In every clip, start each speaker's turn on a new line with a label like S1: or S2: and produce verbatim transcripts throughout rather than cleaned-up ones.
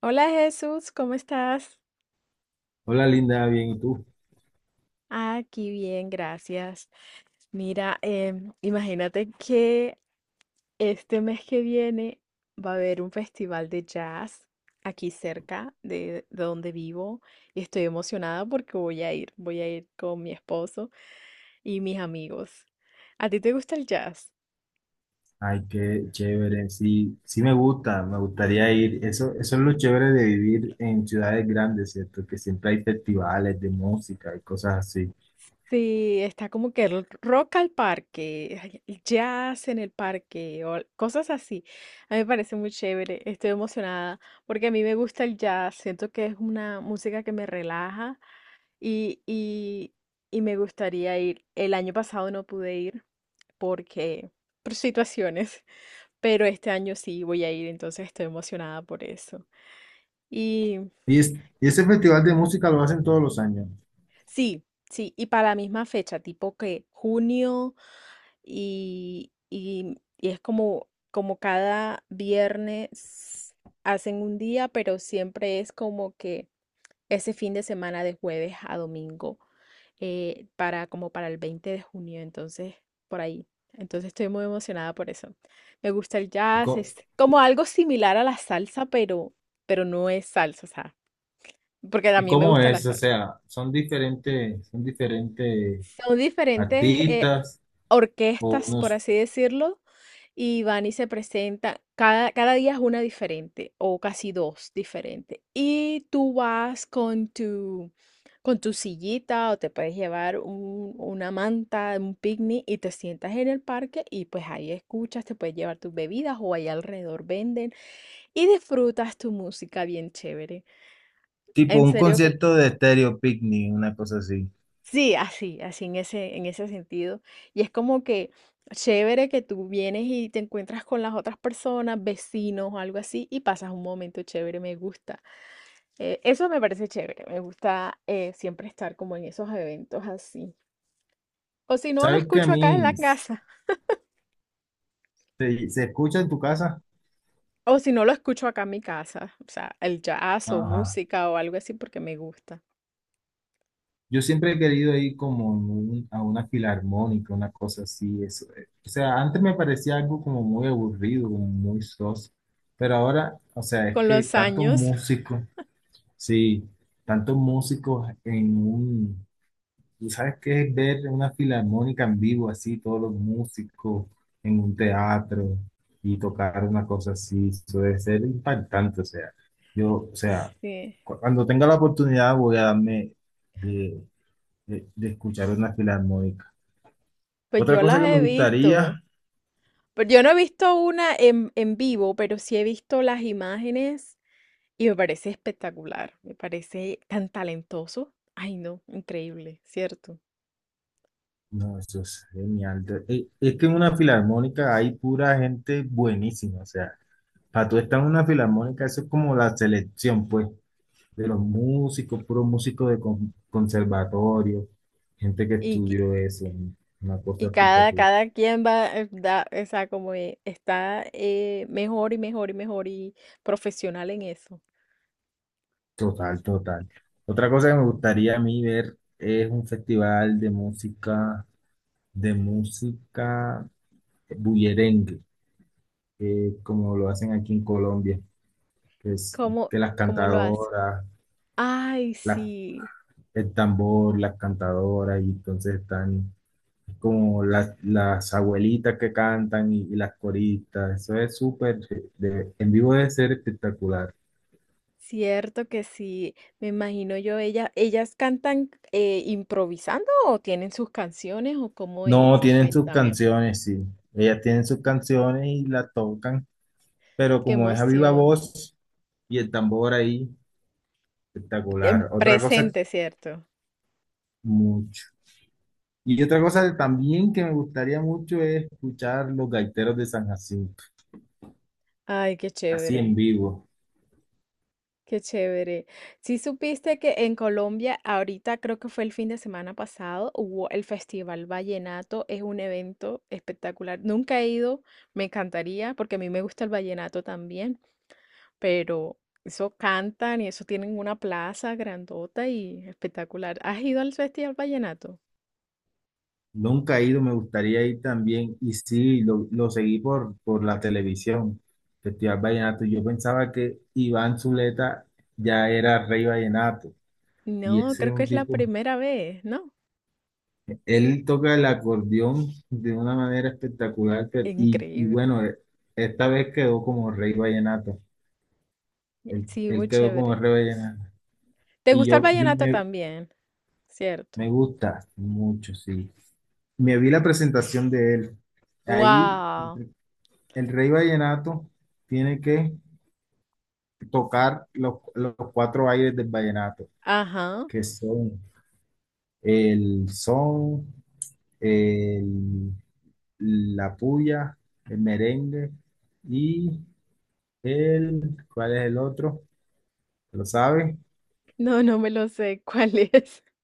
S1: Hola Jesús, ¿cómo estás?
S2: Hola Linda, bien, ¿y tú?
S1: Aquí bien, gracias. Mira, em, imagínate que este mes que viene va a haber un festival de jazz aquí cerca de, de donde vivo y estoy emocionada porque voy a ir, voy a ir con mi esposo y mis amigos. ¿A ti te gusta el jazz?
S2: Ay, qué chévere, sí, sí me gusta, me gustaría ir. Eso, eso es lo chévere de vivir en ciudades grandes, ¿cierto? Que siempre hay festivales de música y cosas así.
S1: Sí, está como que el rock al parque, ay, el jazz en el parque o cosas así. A mí me parece muy chévere. Estoy emocionada porque a mí me gusta el jazz. Siento que es una música que me relaja y, y, y me gustaría ir. El año pasado no pude ir porque por situaciones, pero este año sí voy a ir, entonces estoy emocionada por eso. Y
S2: Y, es- y ese festival de música lo hacen todos los años.
S1: sí, sí, y para la misma fecha, tipo que junio. y, y- y es como, como cada viernes hacen un día, pero siempre es como que ese fin de semana de jueves a domingo, eh, para como para el veinte de junio, entonces por ahí. Entonces estoy muy emocionada por eso. Me gusta el
S2: ¿Y,
S1: jazz,
S2: co-
S1: es como algo similar a la salsa, pero, pero no es salsa, o sea, porque a
S2: ¿Y
S1: mí me
S2: cómo
S1: gusta la
S2: es? O
S1: salsa.
S2: sea, son diferentes, son diferentes
S1: Son diferentes, eh,
S2: artistas o
S1: orquestas, por
S2: unos.
S1: así decirlo, y van y se presentan. Cada, cada día es una diferente, o casi dos diferentes. Y tú vas con tu, con tu sillita, o te puedes llevar un- una manta, un picnic, y te sientas en el parque, y pues ahí escuchas, te puedes llevar tus bebidas, o ahí alrededor venden, y disfrutas tu música bien chévere.
S2: Tipo
S1: En
S2: un
S1: serio que
S2: concierto de Stereo Picnic, una cosa así.
S1: sí, así, así en ese, en ese sentido. Y es como que chévere que tú vienes y te encuentras con las otras personas, vecinos o algo así, y pasas un momento chévere, me gusta. Eh, eso me parece chévere, me gusta eh, siempre estar como en esos eventos así. O si no, lo
S2: ¿Sabes que a
S1: escucho acá en la
S2: mí
S1: casa,
S2: se, se escucha en tu casa?
S1: o si no, lo escucho acá en mi casa, o sea, el jazz o
S2: Ajá.
S1: música o algo así porque me gusta.
S2: Yo siempre he querido ir como en un- a una filarmónica, una cosa así. Eso. eh. O sea, antes me parecía algo como muy aburrido, como muy soso, pero ahora, o sea, es
S1: Con
S2: que
S1: los
S2: tantos
S1: años,
S2: músicos, sí, tantos músicos en un, ¿tú sabes qué es ver una filarmónica en vivo así, todos los músicos en un teatro y tocar una cosa así? Eso debe ser impactante, o sea, yo, o sea,
S1: sí,
S2: cu- cuando tenga la oportunidad voy a darme de, de escuchar una filarmónica.
S1: pues
S2: Otra
S1: yo
S2: cosa
S1: las
S2: que me
S1: he visto.
S2: gustaría,
S1: Pero yo no he visto una en, en vivo, pero sí he visto las imágenes y me parece espectacular. Me parece tan talentoso. Ay, no, increíble, ¿cierto?
S2: no, eso es genial. de- eh, Es que en una filarmónica hay pura gente buenísima, o sea, para tú estar en una filarmónica, eso es como la selección, pues, de los músicos, puros músicos de con- conservatorio, gente que
S1: Y, que-
S2: estudió eso, una cosa
S1: y cada,
S2: espectacular.
S1: cada quien va, eh, da, o sea, como eh, está eh, mejor y mejor y mejor y profesional en eso.
S2: Total, total. Otra cosa que me gustaría a mí ver es un festival de música, de música bullerengue. Eh, como lo hacen aquí en Colombia, que es
S1: ¿Cómo,
S2: que las
S1: cómo lo hace?
S2: cantadoras,
S1: Ay,
S2: la-
S1: sí,
S2: el tambor, las cantadoras, y entonces están como las, las abuelitas que cantan y, y las coristas. Eso es súper, de- en vivo debe ser espectacular.
S1: cierto que sí. Me imagino yo, ella, ellas cantan eh, improvisando o tienen sus canciones o cómo
S2: No,
S1: es.
S2: tienen sus
S1: Cuéntame.
S2: canciones, sí. Ellas tienen sus canciones y las tocan, pero
S1: Qué
S2: como es a viva
S1: emoción.
S2: voz y el tambor ahí,
S1: En
S2: espectacular. Otra cosa,
S1: presente, ¿cierto?
S2: mucho. Y otra cosa también que me gustaría mucho es escuchar los gaiteros de San Jacinto,
S1: Ay, qué
S2: así en
S1: chévere.
S2: vivo.
S1: Qué chévere. Si supiste que en Colombia, ahorita creo que fue el fin de semana pasado, hubo el Festival Vallenato, es un evento espectacular. Nunca he ido, me encantaría, porque a mí me gusta el vallenato también, pero eso cantan y eso tienen una plaza grandota y espectacular. ¿Has ido al Festival Vallenato?
S2: Nunca he ido, me gustaría ir también. Y sí, lo, lo seguí por, por la televisión, Festival Vallenato. Yo pensaba que Iván Zuleta ya era rey vallenato. Y
S1: No,
S2: ese es
S1: creo que
S2: un
S1: es la
S2: tipo,
S1: primera vez, ¿no?
S2: él toca el acordeón de una manera espectacular. Pero- y, y
S1: Increíble.
S2: bueno, eh, esta vez quedó como rey vallenato. Él,
S1: Sí,
S2: él
S1: muy
S2: quedó como
S1: chévere.
S2: rey vallenato.
S1: ¿Te
S2: Y
S1: gusta el
S2: yo, yo
S1: vallenato
S2: me
S1: también? Cierto.
S2: me gusta mucho, sí. Me vi la presentación de él. Ahí
S1: Wow.
S2: el, el Rey Vallenato tiene que tocar los, los cuatro aires del vallenato,
S1: Ajá.
S2: que son el son, el, la puya, el merengue y el, ¿cuál es el otro? ¿Lo sabe?
S1: No, no me lo sé. ¿Cuál es?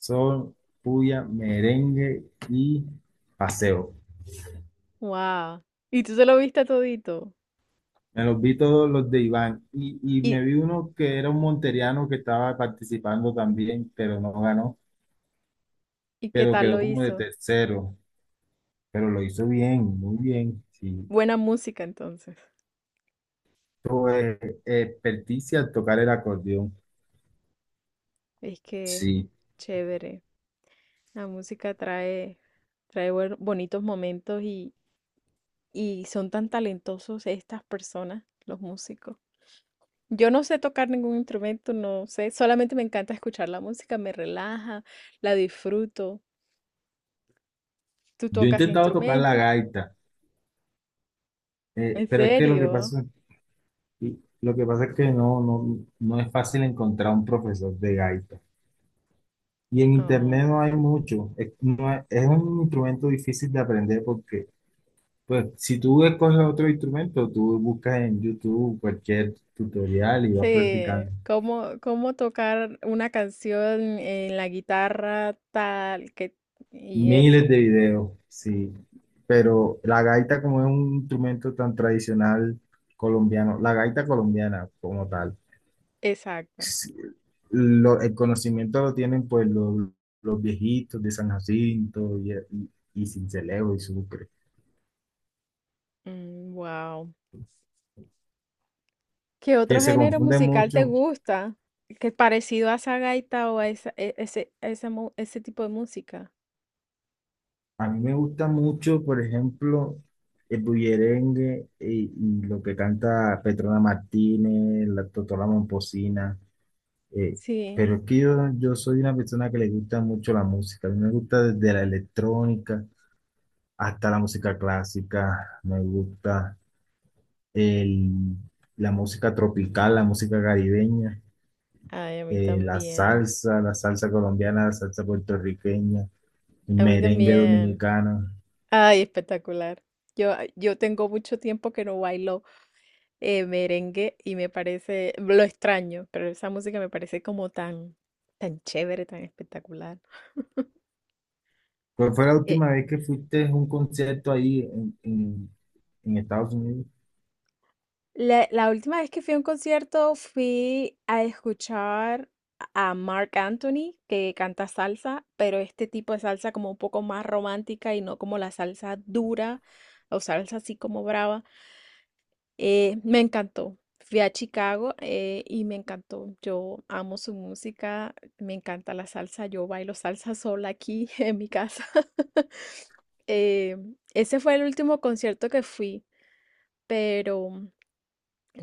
S2: Son puya, merengue y paseo.
S1: Wow. ¿Y tú se lo viste todito?
S2: Me los vi todos los de Iván. Y, y me
S1: ¿Y,
S2: vi uno que era un monteriano que estaba participando también, pero no ganó,
S1: ¿y qué
S2: pero
S1: tal
S2: quedó
S1: lo
S2: como de
S1: hizo?
S2: tercero. Pero lo hizo bien, muy bien. Sí.
S1: Buena música entonces.
S2: Tuvo eh, eh, experticia al tocar el acordeón.
S1: Es que
S2: Sí.
S1: chévere. La música trae, trae buen- bonitos momentos y, y son tan talentosos estas personas, los músicos. Yo no sé tocar ningún instrumento, no sé, solamente me encanta escuchar la música, me relaja, la disfruto. ¿Tú
S2: Yo he
S1: tocas
S2: intentado tocar la
S1: instrumentos?
S2: gaita, eh,
S1: ¿En
S2: pero es que lo que
S1: serio?
S2: pasa, y lo que pasa es que no, no, no es fácil encontrar un profesor de gaita. Y en internet
S1: Oh.
S2: no hay mucho. Es, no es es un instrumento difícil de aprender porque pues si tú escoges otro instrumento, tú buscas en YouTube cualquier tutorial y vas practicando
S1: Sí, cómo, cómo tocar una canción en la guitarra tal que y
S2: miles
S1: eso,
S2: de videos, sí. Pero la gaita como es un instrumento tan tradicional colombiano, la gaita colombiana como tal,
S1: exacto.
S2: sí, lo- el conocimiento lo tienen pues los, los viejitos de San Jacinto y, y, y Sincelejo y Sucre,
S1: Wow. ¿Qué
S2: que
S1: otro
S2: se
S1: género
S2: confunde
S1: musical te
S2: mucho.
S1: gusta? Que es parecido a esa gaita o a esa- e- ese, esa mu- ese tipo de música.
S2: A mí me gusta mucho, por ejemplo, el bullerengue y, y lo que canta Petrona Martínez, la Totola Momposina. eh,
S1: Sí.
S2: pero es que yo, yo soy una persona que le gusta mucho la música. A mí me gusta desde la electrónica hasta la música clásica. Me gusta el- la música tropical, la música caribeña,
S1: Ay, a mí
S2: eh, la
S1: también.
S2: salsa, la salsa colombiana, la salsa puertorriqueña, el
S1: A mí
S2: merengue
S1: también.
S2: dominicano.
S1: Ay, espectacular. Yo, yo tengo mucho tiempo que no bailo. Eh, merengue y me parece, lo extraño, pero esa música me parece como tan, tan chévere, tan espectacular.
S2: ¿Cuál fue la
S1: Eh,
S2: última vez que fuiste a un concierto ahí en, en- en Estados Unidos?
S1: la, la última vez que fui a un concierto fui a escuchar a Mark Anthony, que canta salsa, pero este tipo de salsa como un poco más romántica y no como la salsa dura o salsa así como brava. Eh, me encantó. Fui a Chicago eh, y me encantó. Yo amo su música, me encanta la salsa. Yo bailo salsa sola aquí en mi casa. Eh, Ese fue el último concierto que fui, pero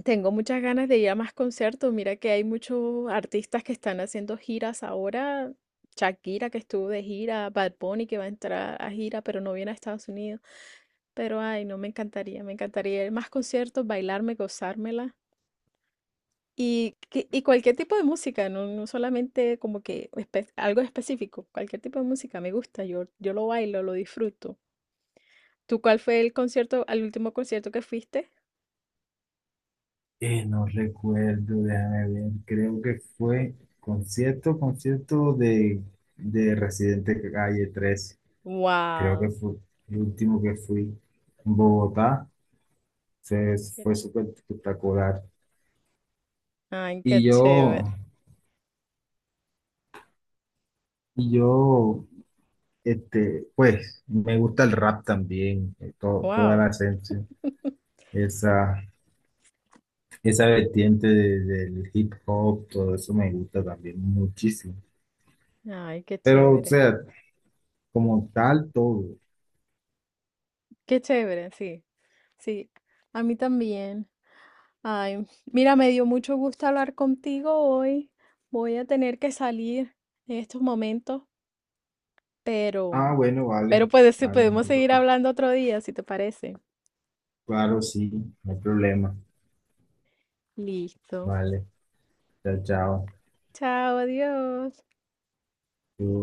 S1: tengo muchas ganas de ir a más conciertos. Mira que hay muchos artistas que están haciendo giras ahora. Shakira que estuvo de gira, Bad Bunny que va a entrar a gira, pero no viene a Estados Unidos. Pero ay, no me encantaría, me encantaría ir a más conciertos, bailarme, gozármela. Y, que- y cualquier tipo de música, no, no solamente como que espe- algo específico, cualquier tipo de música me gusta, yo, yo lo bailo, lo disfruto. ¿Tú cuál fue el concierto, al último concierto que fuiste?
S2: Eh, no recuerdo, déjame ver. Creo que fue concierto, concierto de, de Residente Calle trece. Creo que
S1: ¡Wow!
S2: fue el último que fui en Bogotá. Fue, fue súper espectacular.
S1: ¡Ay, qué
S2: Y
S1: chévere!
S2: yo, y yo, este, pues, me gusta el rap también, eh, todo, toda
S1: ¡Wow!
S2: la esencia, esa. Esa vertiente de- del hip hop, todo eso me gusta también muchísimo.
S1: ¡Ay, qué
S2: Pero, o
S1: chévere!
S2: sea, como tal, todo.
S1: ¡Qué chévere! Sí, sí, a mí también. Ay, mira, me dio mucho gusto hablar contigo hoy. Voy a tener que salir en estos momentos. Pero,
S2: Ah, bueno,
S1: pero
S2: vale,
S1: puede,
S2: vale, no
S1: podemos
S2: te
S1: seguir
S2: preocupes.
S1: hablando otro día, si te parece.
S2: Claro, sí, no hay problema.
S1: Listo.
S2: Vale, chao, chao.
S1: Chao, adiós.
S2: Tú-